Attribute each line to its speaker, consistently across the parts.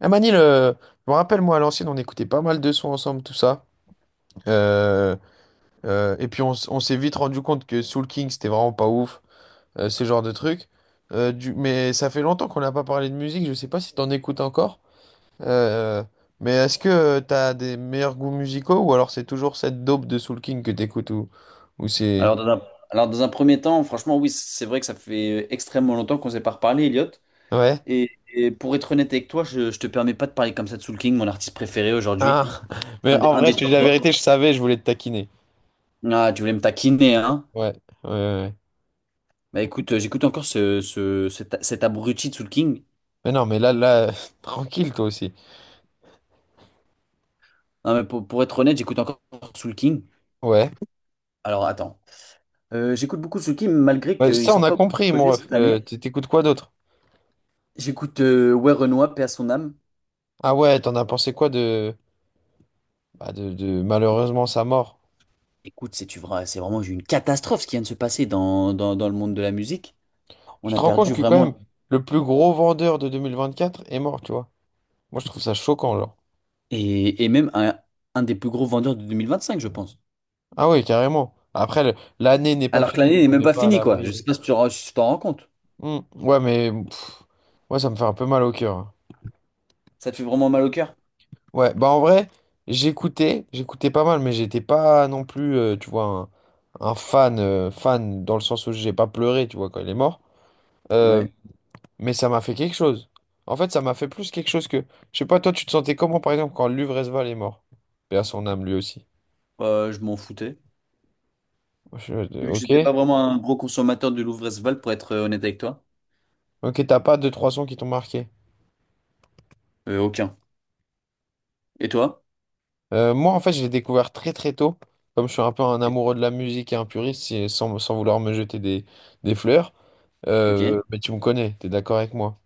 Speaker 1: Ah Manil, je me rappelle, moi, à l'ancienne, on écoutait pas mal de sons ensemble, tout ça. Euh, et puis, on s'est vite rendu compte que Soul King, c'était vraiment pas ouf, ce genre de truc. Mais ça fait longtemps qu'on n'a pas parlé de musique, je sais pas si t'en écoutes encore. Euh, mais est-ce que t'as des meilleurs goûts musicaux ou alors c'est toujours cette dope de Soul King que t'écoutes ou, ou c'est.
Speaker 2: Alors dans un, alors dans un premier temps, franchement, oui, c'est vrai que ça fait extrêmement longtemps qu'on s'est pas reparlé, Elliot.
Speaker 1: Ouais?
Speaker 2: Et, et pour être honnête avec toi, je te permets pas de parler comme ça de Soul King, mon artiste préféré aujourd'hui.
Speaker 1: Ah. Mais en
Speaker 2: Un
Speaker 1: vrai,
Speaker 2: des
Speaker 1: je te dis
Speaker 2: top
Speaker 1: la
Speaker 2: 20.
Speaker 1: vérité, je savais, je voulais te taquiner.
Speaker 2: Ah, tu voulais me taquiner, hein?
Speaker 1: Ouais, ouais, ouais, ouais.
Speaker 2: Bah écoute, j'écoute encore cet abruti de Soul King.
Speaker 1: Mais non, mais là, là, tranquille, toi aussi.
Speaker 2: Non, mais pour être honnête, j'écoute encore Soul King.
Speaker 1: Ouais.
Speaker 2: Alors attends. J'écoute beaucoup Soul King, malgré
Speaker 1: Ouais,
Speaker 2: qu'il
Speaker 1: ça, on
Speaker 2: sort
Speaker 1: a
Speaker 2: pas beaucoup de
Speaker 1: compris,
Speaker 2: projets
Speaker 1: moi.
Speaker 2: cette année.
Speaker 1: T'écoutes quoi d'autre?
Speaker 2: J'écoute Ouais Renoir, paix à son âme.
Speaker 1: Ah ouais, t'en as pensé quoi de... Bah, de malheureusement sa mort?
Speaker 2: Écoute, c'est tu verras, c'est vraiment une catastrophe ce qui vient de se passer dans le monde de la musique. On
Speaker 1: Tu
Speaker 2: a
Speaker 1: te rends
Speaker 2: perdu
Speaker 1: compte que quand
Speaker 2: vraiment.
Speaker 1: même, le plus gros vendeur de 2024 est mort, tu vois? Moi, je trouve ça choquant, genre.
Speaker 2: Et même un des plus gros vendeurs de 2025, je pense.
Speaker 1: Ah oui, carrément. Après, l'année n'est pas
Speaker 2: Alors que
Speaker 1: finie, donc
Speaker 2: l'année n'est
Speaker 1: on
Speaker 2: même
Speaker 1: n'est
Speaker 2: pas
Speaker 1: pas à
Speaker 2: finie, quoi. Je sais
Speaker 1: l'abri.
Speaker 2: pas si si tu t'en rends compte.
Speaker 1: Hmm. Ouais, mais pff, ouais, ça me fait un peu mal au cœur, hein.
Speaker 2: Ça te fait vraiment mal au cœur?
Speaker 1: Ouais, bah en vrai, j'écoutais pas mal, mais j'étais pas non plus, tu vois, un fan dans le sens où j'ai pas pleuré, tu vois, quand il est mort. Euh,
Speaker 2: Ouais.
Speaker 1: Mais ça m'a fait quelque chose. En fait, ça m'a fait plus quelque chose que. Je sais pas, toi, tu te sentais comment, par exemple, quand Luvresval est mort? Paix à son âme, lui aussi.
Speaker 2: Je m'en foutais. Vu que
Speaker 1: Ok,
Speaker 2: j'étais pas vraiment un gros consommateur de Louvre-Esval, pour être honnête avec toi.
Speaker 1: ok, t'as pas deux, trois sons qui t'ont marqué.
Speaker 2: Aucun. Et toi?
Speaker 1: Moi, en fait, je l'ai découvert très, très tôt. Comme je suis un peu un amoureux de la musique et un puriste, sans, vouloir me jeter des, fleurs.
Speaker 2: Ok.
Speaker 1: Mais tu me connais, t'es d'accord avec moi.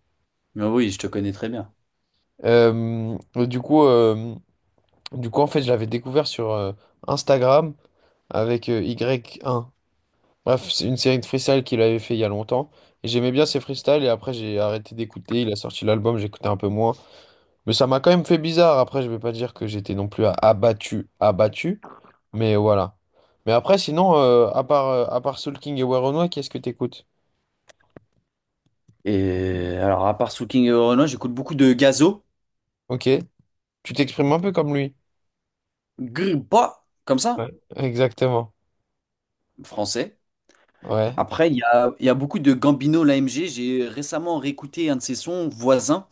Speaker 2: Mais oui, je te connais très bien.
Speaker 1: Euh, du coup, euh, du coup, en fait, je l'avais découvert sur Instagram avec Y1. Bref, c'est une série de freestyle qu'il avait fait il y a longtemps. Et j'aimais bien ses freestyles et après j'ai arrêté d'écouter. Il a sorti l'album, j'écoutais un peu moins. Mais ça m'a quand même fait bizarre. Après, je vais pas dire que j'étais non plus abattu, abattu. Mais voilà. Mais après, sinon, à part, à part Soul King et Werenoi, qu'est-ce que t'écoutes?
Speaker 2: Et alors, à part Soul King et Renoir, j'écoute beaucoup de Gazo.
Speaker 1: Ok, tu t'exprimes un peu comme lui.
Speaker 2: Grippa, comme ça,
Speaker 1: Ouais. Exactement.
Speaker 2: français.
Speaker 1: Ouais.
Speaker 2: Après, il y a beaucoup de Gambino, l'AMG. J'ai récemment réécouté un de ses sons, Voisin.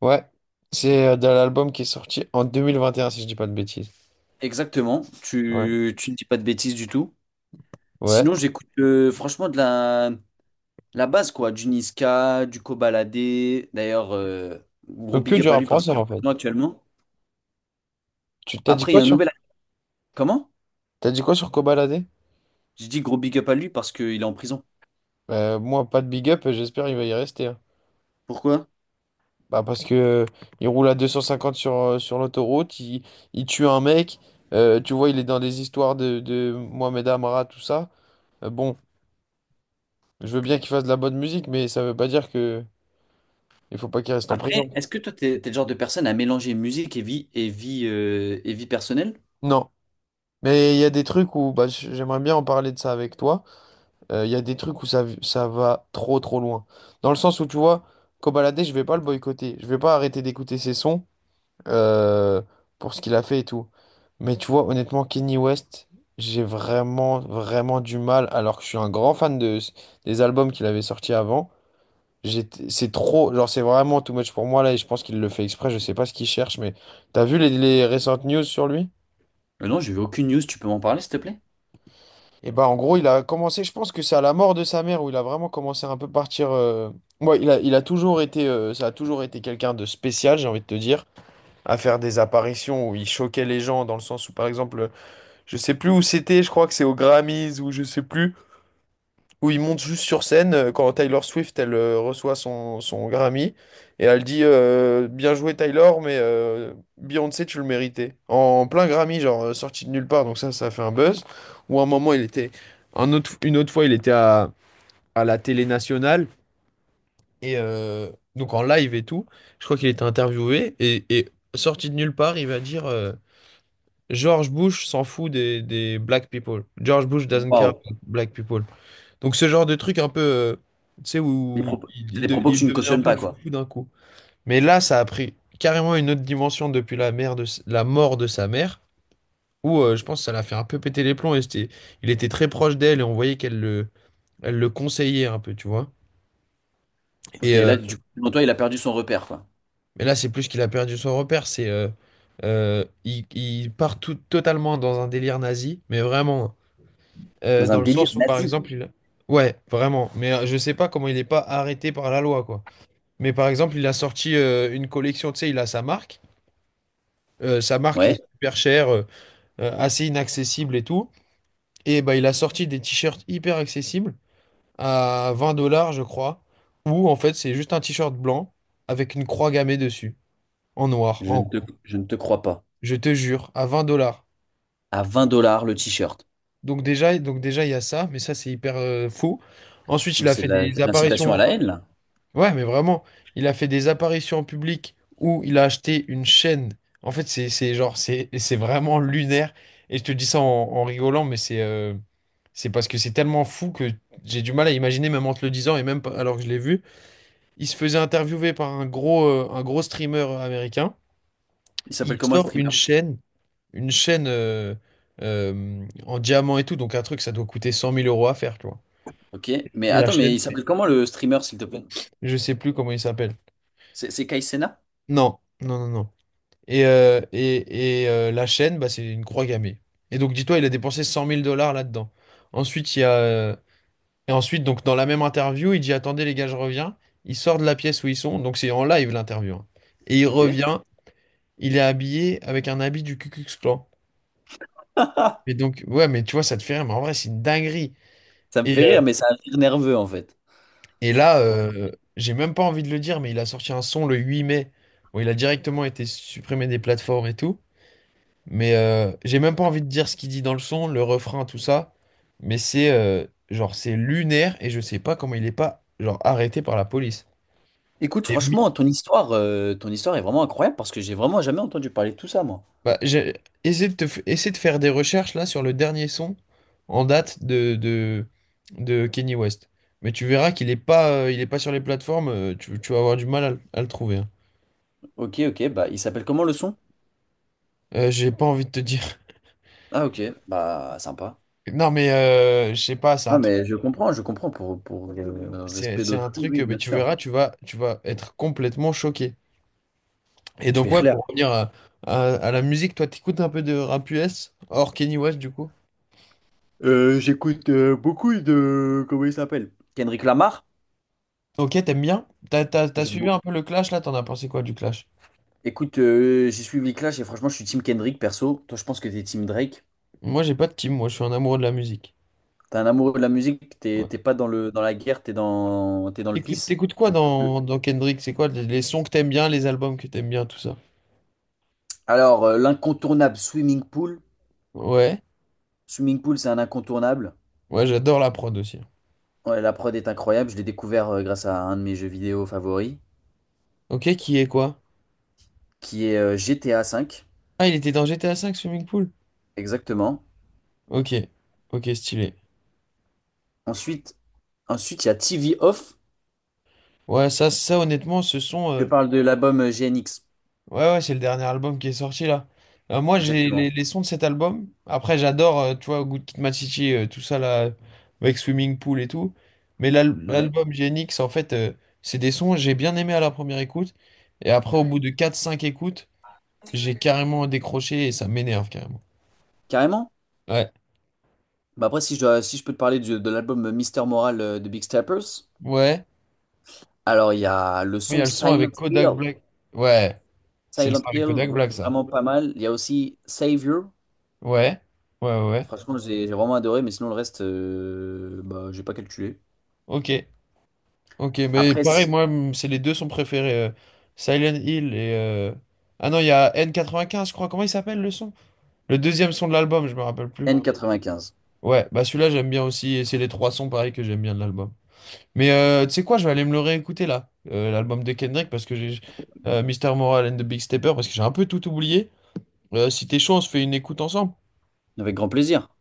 Speaker 1: Ouais. C'est de l'album qui est sorti en 2021 si je dis pas de bêtises.
Speaker 2: Exactement,
Speaker 1: Ouais.
Speaker 2: tu ne dis pas de bêtises du tout.
Speaker 1: Ouais.
Speaker 2: Sinon, j'écoute franchement de la base, quoi, du Niska, du Kobalade. D'ailleurs, gros
Speaker 1: Donc que
Speaker 2: big
Speaker 1: du
Speaker 2: up à lui
Speaker 1: rap
Speaker 2: parce
Speaker 1: français
Speaker 2: qu'il est en
Speaker 1: en fait.
Speaker 2: prison actuellement.
Speaker 1: Tu t'as dit
Speaker 2: Après, il y
Speaker 1: quoi
Speaker 2: a un
Speaker 1: sur
Speaker 2: nouvel. Comment?
Speaker 1: t'as dit quoi sur Kobalade?
Speaker 2: J'ai dit gros big up à lui parce qu'il est en prison.
Speaker 1: Moi, pas de big up, j'espère il va y rester, hein.
Speaker 2: Pourquoi?
Speaker 1: Bah, parce que il roule à 250 sur, sur l'autoroute, il tue un mec, tu vois, il est dans des histoires de, Mohamed Amara, tout ça. Bon, je veux bien qu'il fasse de la bonne musique, mais ça veut pas dire que il faut pas qu'il reste en prison.
Speaker 2: Après, est-ce que toi, t'es le genre de personne à mélanger musique et vie personnelle?
Speaker 1: Non. Mais il y a des trucs où bah, j'aimerais bien en parler de ça avec toi. Il y a des trucs où ça va trop trop loin. Dans le sens où tu vois, Kobalade, je vais pas le boycotter. Je vais pas arrêter d'écouter ses sons, euh, pour ce qu'il a fait et tout. Mais tu vois, honnêtement, Kenny West, j'ai vraiment, vraiment du mal, alors que je suis un grand fan des albums qu'il avait sortis avant. C'est trop, genre, c'est vraiment too much pour moi là, et je pense qu'il le fait exprès, je sais pas ce qu'il cherche, mais t'as vu les, récentes news sur lui?
Speaker 2: Non, j'ai vu aucune news, tu peux m'en parler, s'il te plaît?
Speaker 1: Et bah, en gros, il a commencé, je pense que c'est à la mort de sa mère où il a vraiment commencé à un peu partir. Ouais, il a toujours été, ça a toujours été quelqu'un de spécial, j'ai envie de te dire, à faire des apparitions où il choquait les gens, dans le sens où, par exemple, je sais plus où c'était, je crois que c'est aux Grammys ou je sais plus, où ils montent juste sur scène quand Tyler Swift elle reçoit son, Grammy et elle dit bien joué Tyler mais Beyoncé tu le méritais. En plein Grammy genre sorti de nulle part donc ça a fait un buzz. Ou à un moment il était, une autre fois il était à, la télé nationale et donc en live et tout. Je crois qu'il était interviewé et sorti de nulle part il va dire George Bush s'en fout des, black people. George Bush doesn't care
Speaker 2: Waouh,
Speaker 1: about black people. Donc ce genre de truc un peu, tu sais,
Speaker 2: des
Speaker 1: où
Speaker 2: propos-
Speaker 1: il,
Speaker 2: c'est
Speaker 1: il
Speaker 2: des
Speaker 1: de-
Speaker 2: propos que
Speaker 1: il
Speaker 2: tu ne
Speaker 1: devenait un
Speaker 2: cautionnes
Speaker 1: peu
Speaker 2: pas, quoi.
Speaker 1: foufou d'un coup. Mais là, ça a pris carrément une autre dimension depuis la mort de sa mère, où je pense que ça l'a fait un peu péter les plombs. Et il était très proche d'elle et on voyait qu'elle le conseillait un peu, tu vois.
Speaker 2: Ok,
Speaker 1: Et, euh,
Speaker 2: là, du coup, selon toi, il a perdu son repère, quoi.
Speaker 1: mais là, c'est plus qu'il a perdu son repère. Il part tout, totalement dans un délire nazi, mais vraiment.
Speaker 2: Dans un
Speaker 1: Dans le
Speaker 2: délire
Speaker 1: sens où, par
Speaker 2: nazi.
Speaker 1: exemple, il... Ouais, vraiment. Mais je sais pas comment il n'est pas arrêté par la loi, quoi. Mais par exemple, il a sorti une collection, tu sais, il a sa marque. Sa marque est
Speaker 2: Ouais.
Speaker 1: super chère, assez inaccessible et tout. Et bah, il a sorti des t-shirts hyper accessibles à 20 dollars, je crois. Où, en fait, c'est juste un t-shirt blanc avec une croix gammée dessus, en noir,
Speaker 2: Je ne
Speaker 1: en...
Speaker 2: te, je ne te crois pas.
Speaker 1: Je te jure, à 20 dollars.
Speaker 2: À 20 dollars le t-shirt.
Speaker 1: Donc déjà, il y a ça, mais ça, c'est hyper fou. Ensuite, il
Speaker 2: Donc
Speaker 1: a
Speaker 2: c'est
Speaker 1: fait
Speaker 2: de
Speaker 1: des
Speaker 2: c'est de l'incitation à
Speaker 1: apparitions.
Speaker 2: la haine, là.
Speaker 1: Ouais, mais vraiment, il a fait des apparitions en public où il a acheté une chaîne. En fait, c'est genre, c'est vraiment lunaire. Et je te dis ça en rigolant, mais c'est parce que c'est tellement fou que j'ai du mal à imaginer, même en te le disant et même pas- alors que je l'ai vu. Il se faisait interviewer par un gros streamer américain.
Speaker 2: Il
Speaker 1: Il
Speaker 2: s'appelle comment le
Speaker 1: sort
Speaker 2: streamer?
Speaker 1: une chaîne en diamant et tout. Donc, un truc, ça doit coûter 100 000 euros à faire, tu vois.
Speaker 2: Ok. Mais
Speaker 1: Et la
Speaker 2: attends, mais
Speaker 1: chaîne,
Speaker 2: il s'appelle comment le streamer, s'il te plaît?
Speaker 1: je sais plus comment il s'appelle.
Speaker 2: C'est Kai Cenat.
Speaker 1: Non, non, non, non. Et la chaîne, bah, c'est une croix gammée. Et donc, dis-toi, il a dépensé 100 000 dollars là-dedans. Ensuite, il y a. Et ensuite, donc, dans la même interview, il dit : « Attendez, les gars, je reviens. » Il sort de la pièce où ils sont. Donc, c'est en live l'interview, hein. Et il
Speaker 2: Ok.
Speaker 1: revient. Il est habillé avec un habit du Ku Klux Klan. Et donc, ouais, mais tu vois, ça te fait rire. Mais en vrai, c'est une dinguerie.
Speaker 2: Ça me
Speaker 1: Et,
Speaker 2: fait
Speaker 1: euh,
Speaker 2: rire, mais c'est un rire nerveux, en fait.
Speaker 1: et là,
Speaker 2: Pour être-
Speaker 1: j'ai même pas envie de le dire, mais il a sorti un son le 8 mai. Bon, il a directement été supprimé des plateformes et tout. Mais j'ai même pas envie de dire ce qu'il dit dans le son, le refrain, tout ça. Mais c'est genre c'est lunaire et je sais pas comment il est pas genre arrêté par la police.
Speaker 2: Écoute,
Speaker 1: Et
Speaker 2: franchement,
Speaker 1: mi-
Speaker 2: ton histoire est vraiment incroyable parce que j'ai vraiment jamais entendu parler de tout ça, moi.
Speaker 1: Bah, j'ai essayé de te f- essaie de faire des recherches là sur le dernier son en date de Kanye West. Mais tu verras qu'il est pas sur les plateformes. Tu, vas avoir du mal à le trouver, hein.
Speaker 2: Ok, bah il s'appelle comment le son?
Speaker 1: J'ai pas envie de te dire.
Speaker 2: Ah ok, bah sympa.
Speaker 1: Non mais je sais pas, c'est un
Speaker 2: Ah
Speaker 1: truc,
Speaker 2: mais je comprends pour le
Speaker 1: c'est
Speaker 2: respect
Speaker 1: c'est un
Speaker 2: d'autrui,
Speaker 1: truc.
Speaker 2: oui,
Speaker 1: euh, Mais
Speaker 2: bien
Speaker 1: tu
Speaker 2: sûr.
Speaker 1: verras, tu vas être complètement choqué. Et
Speaker 2: Je vais
Speaker 1: donc, ouais, pour revenir à, à la musique, toi, t'écoutes un peu de rap US, hors Kenny West, du coup.
Speaker 2: J'écoute beaucoup de... Comment il s'appelle? Kendrick Lamar?
Speaker 1: Ok, t'aimes bien? T'as
Speaker 2: J'aime
Speaker 1: suivi
Speaker 2: beaucoup.
Speaker 1: un peu le Clash, là? T'en as pensé quoi du Clash?
Speaker 2: Écoute, j'ai suivi Clash et franchement, je suis team Kendrick perso. Toi, je pense que t'es team Drake.
Speaker 1: Moi, j'ai pas de team, moi, je suis un amoureux de la musique.
Speaker 2: T'es un amoureux de la musique, t'es
Speaker 1: Ouais.
Speaker 2: t'es pas dans dans la guerre, t'es dans le
Speaker 1: T'écoutes,
Speaker 2: peace.
Speaker 1: t'écoutes quoi dans Kendrick? C'est quoi les, sons que t'aimes bien, les albums que t'aimes bien, tout ça?
Speaker 2: Alors, l'incontournable Swimming Pool.
Speaker 1: Ouais,
Speaker 2: Swimming Pool, c'est un incontournable.
Speaker 1: ouais, j'adore la prod aussi.
Speaker 2: Ouais, la prod est incroyable. Je l'ai découvert grâce à un de mes jeux vidéo favoris,
Speaker 1: Ok, qui est quoi?
Speaker 2: qui est GTA V.
Speaker 1: Ah, il était dans GTA V, Swimming Pool?
Speaker 2: Exactement.
Speaker 1: Ok, ok, stylé.
Speaker 2: Ensuite, ensuite, il y a TV Off.
Speaker 1: Ouais, ça honnêtement, ce son.
Speaker 2: Je
Speaker 1: euh,
Speaker 2: parle de l'album GNX.
Speaker 1: Ouais, ouais, c'est le dernier album qui est sorti là. Moi, j'ai
Speaker 2: Exactement.
Speaker 1: les, sons de cet album. Après, j'adore, tu vois, Good Kid Mad City, tout ça là, avec Swimming Pool et tout. Mais
Speaker 2: Ouais.
Speaker 1: l'album Genix, en fait, c'est des sons que j'ai bien aimé à la première écoute. Et après, au bout de quatre cinq écoutes, j'ai carrément décroché et ça m'énerve carrément.
Speaker 2: Carrément.
Speaker 1: Ouais,
Speaker 2: Bah après, si je peux te parler de l'album Mister Moral de Big Steppers,
Speaker 1: ouais.
Speaker 2: alors il y a le
Speaker 1: Il y a
Speaker 2: son
Speaker 1: le son
Speaker 2: Silent
Speaker 1: avec
Speaker 2: Hill.
Speaker 1: Kodak Black. Ouais, c'est le
Speaker 2: Silent
Speaker 1: son avec
Speaker 2: Hill,
Speaker 1: Kodak Black, ça.
Speaker 2: vraiment pas mal. Il y a aussi Savior.
Speaker 1: Ouais, ouais, ouais, ouais.
Speaker 2: Franchement, j'ai vraiment adoré, mais sinon le reste, bah, j'ai pas calculé.
Speaker 1: Ok. Ok, mais
Speaker 2: Après,
Speaker 1: pareil,
Speaker 2: si-
Speaker 1: moi, c'est les deux sont préférés. Silent Hill et. Ah non, il y a N95, je crois. Comment il s'appelle le son? Le deuxième son de l'album, je me rappelle plus.
Speaker 2: N95.
Speaker 1: Ouais, bah celui-là, j'aime bien aussi. Et c'est les trois sons, pareil, que j'aime bien de l'album. Mais tu sais quoi, je vais aller me le réécouter, là, l'album de Kendrick, parce que j'ai... Mister Moral and the Big Stepper, parce que j'ai un peu tout oublié. Si t'es chaud, on se fait une écoute ensemble.
Speaker 2: Avec grand plaisir.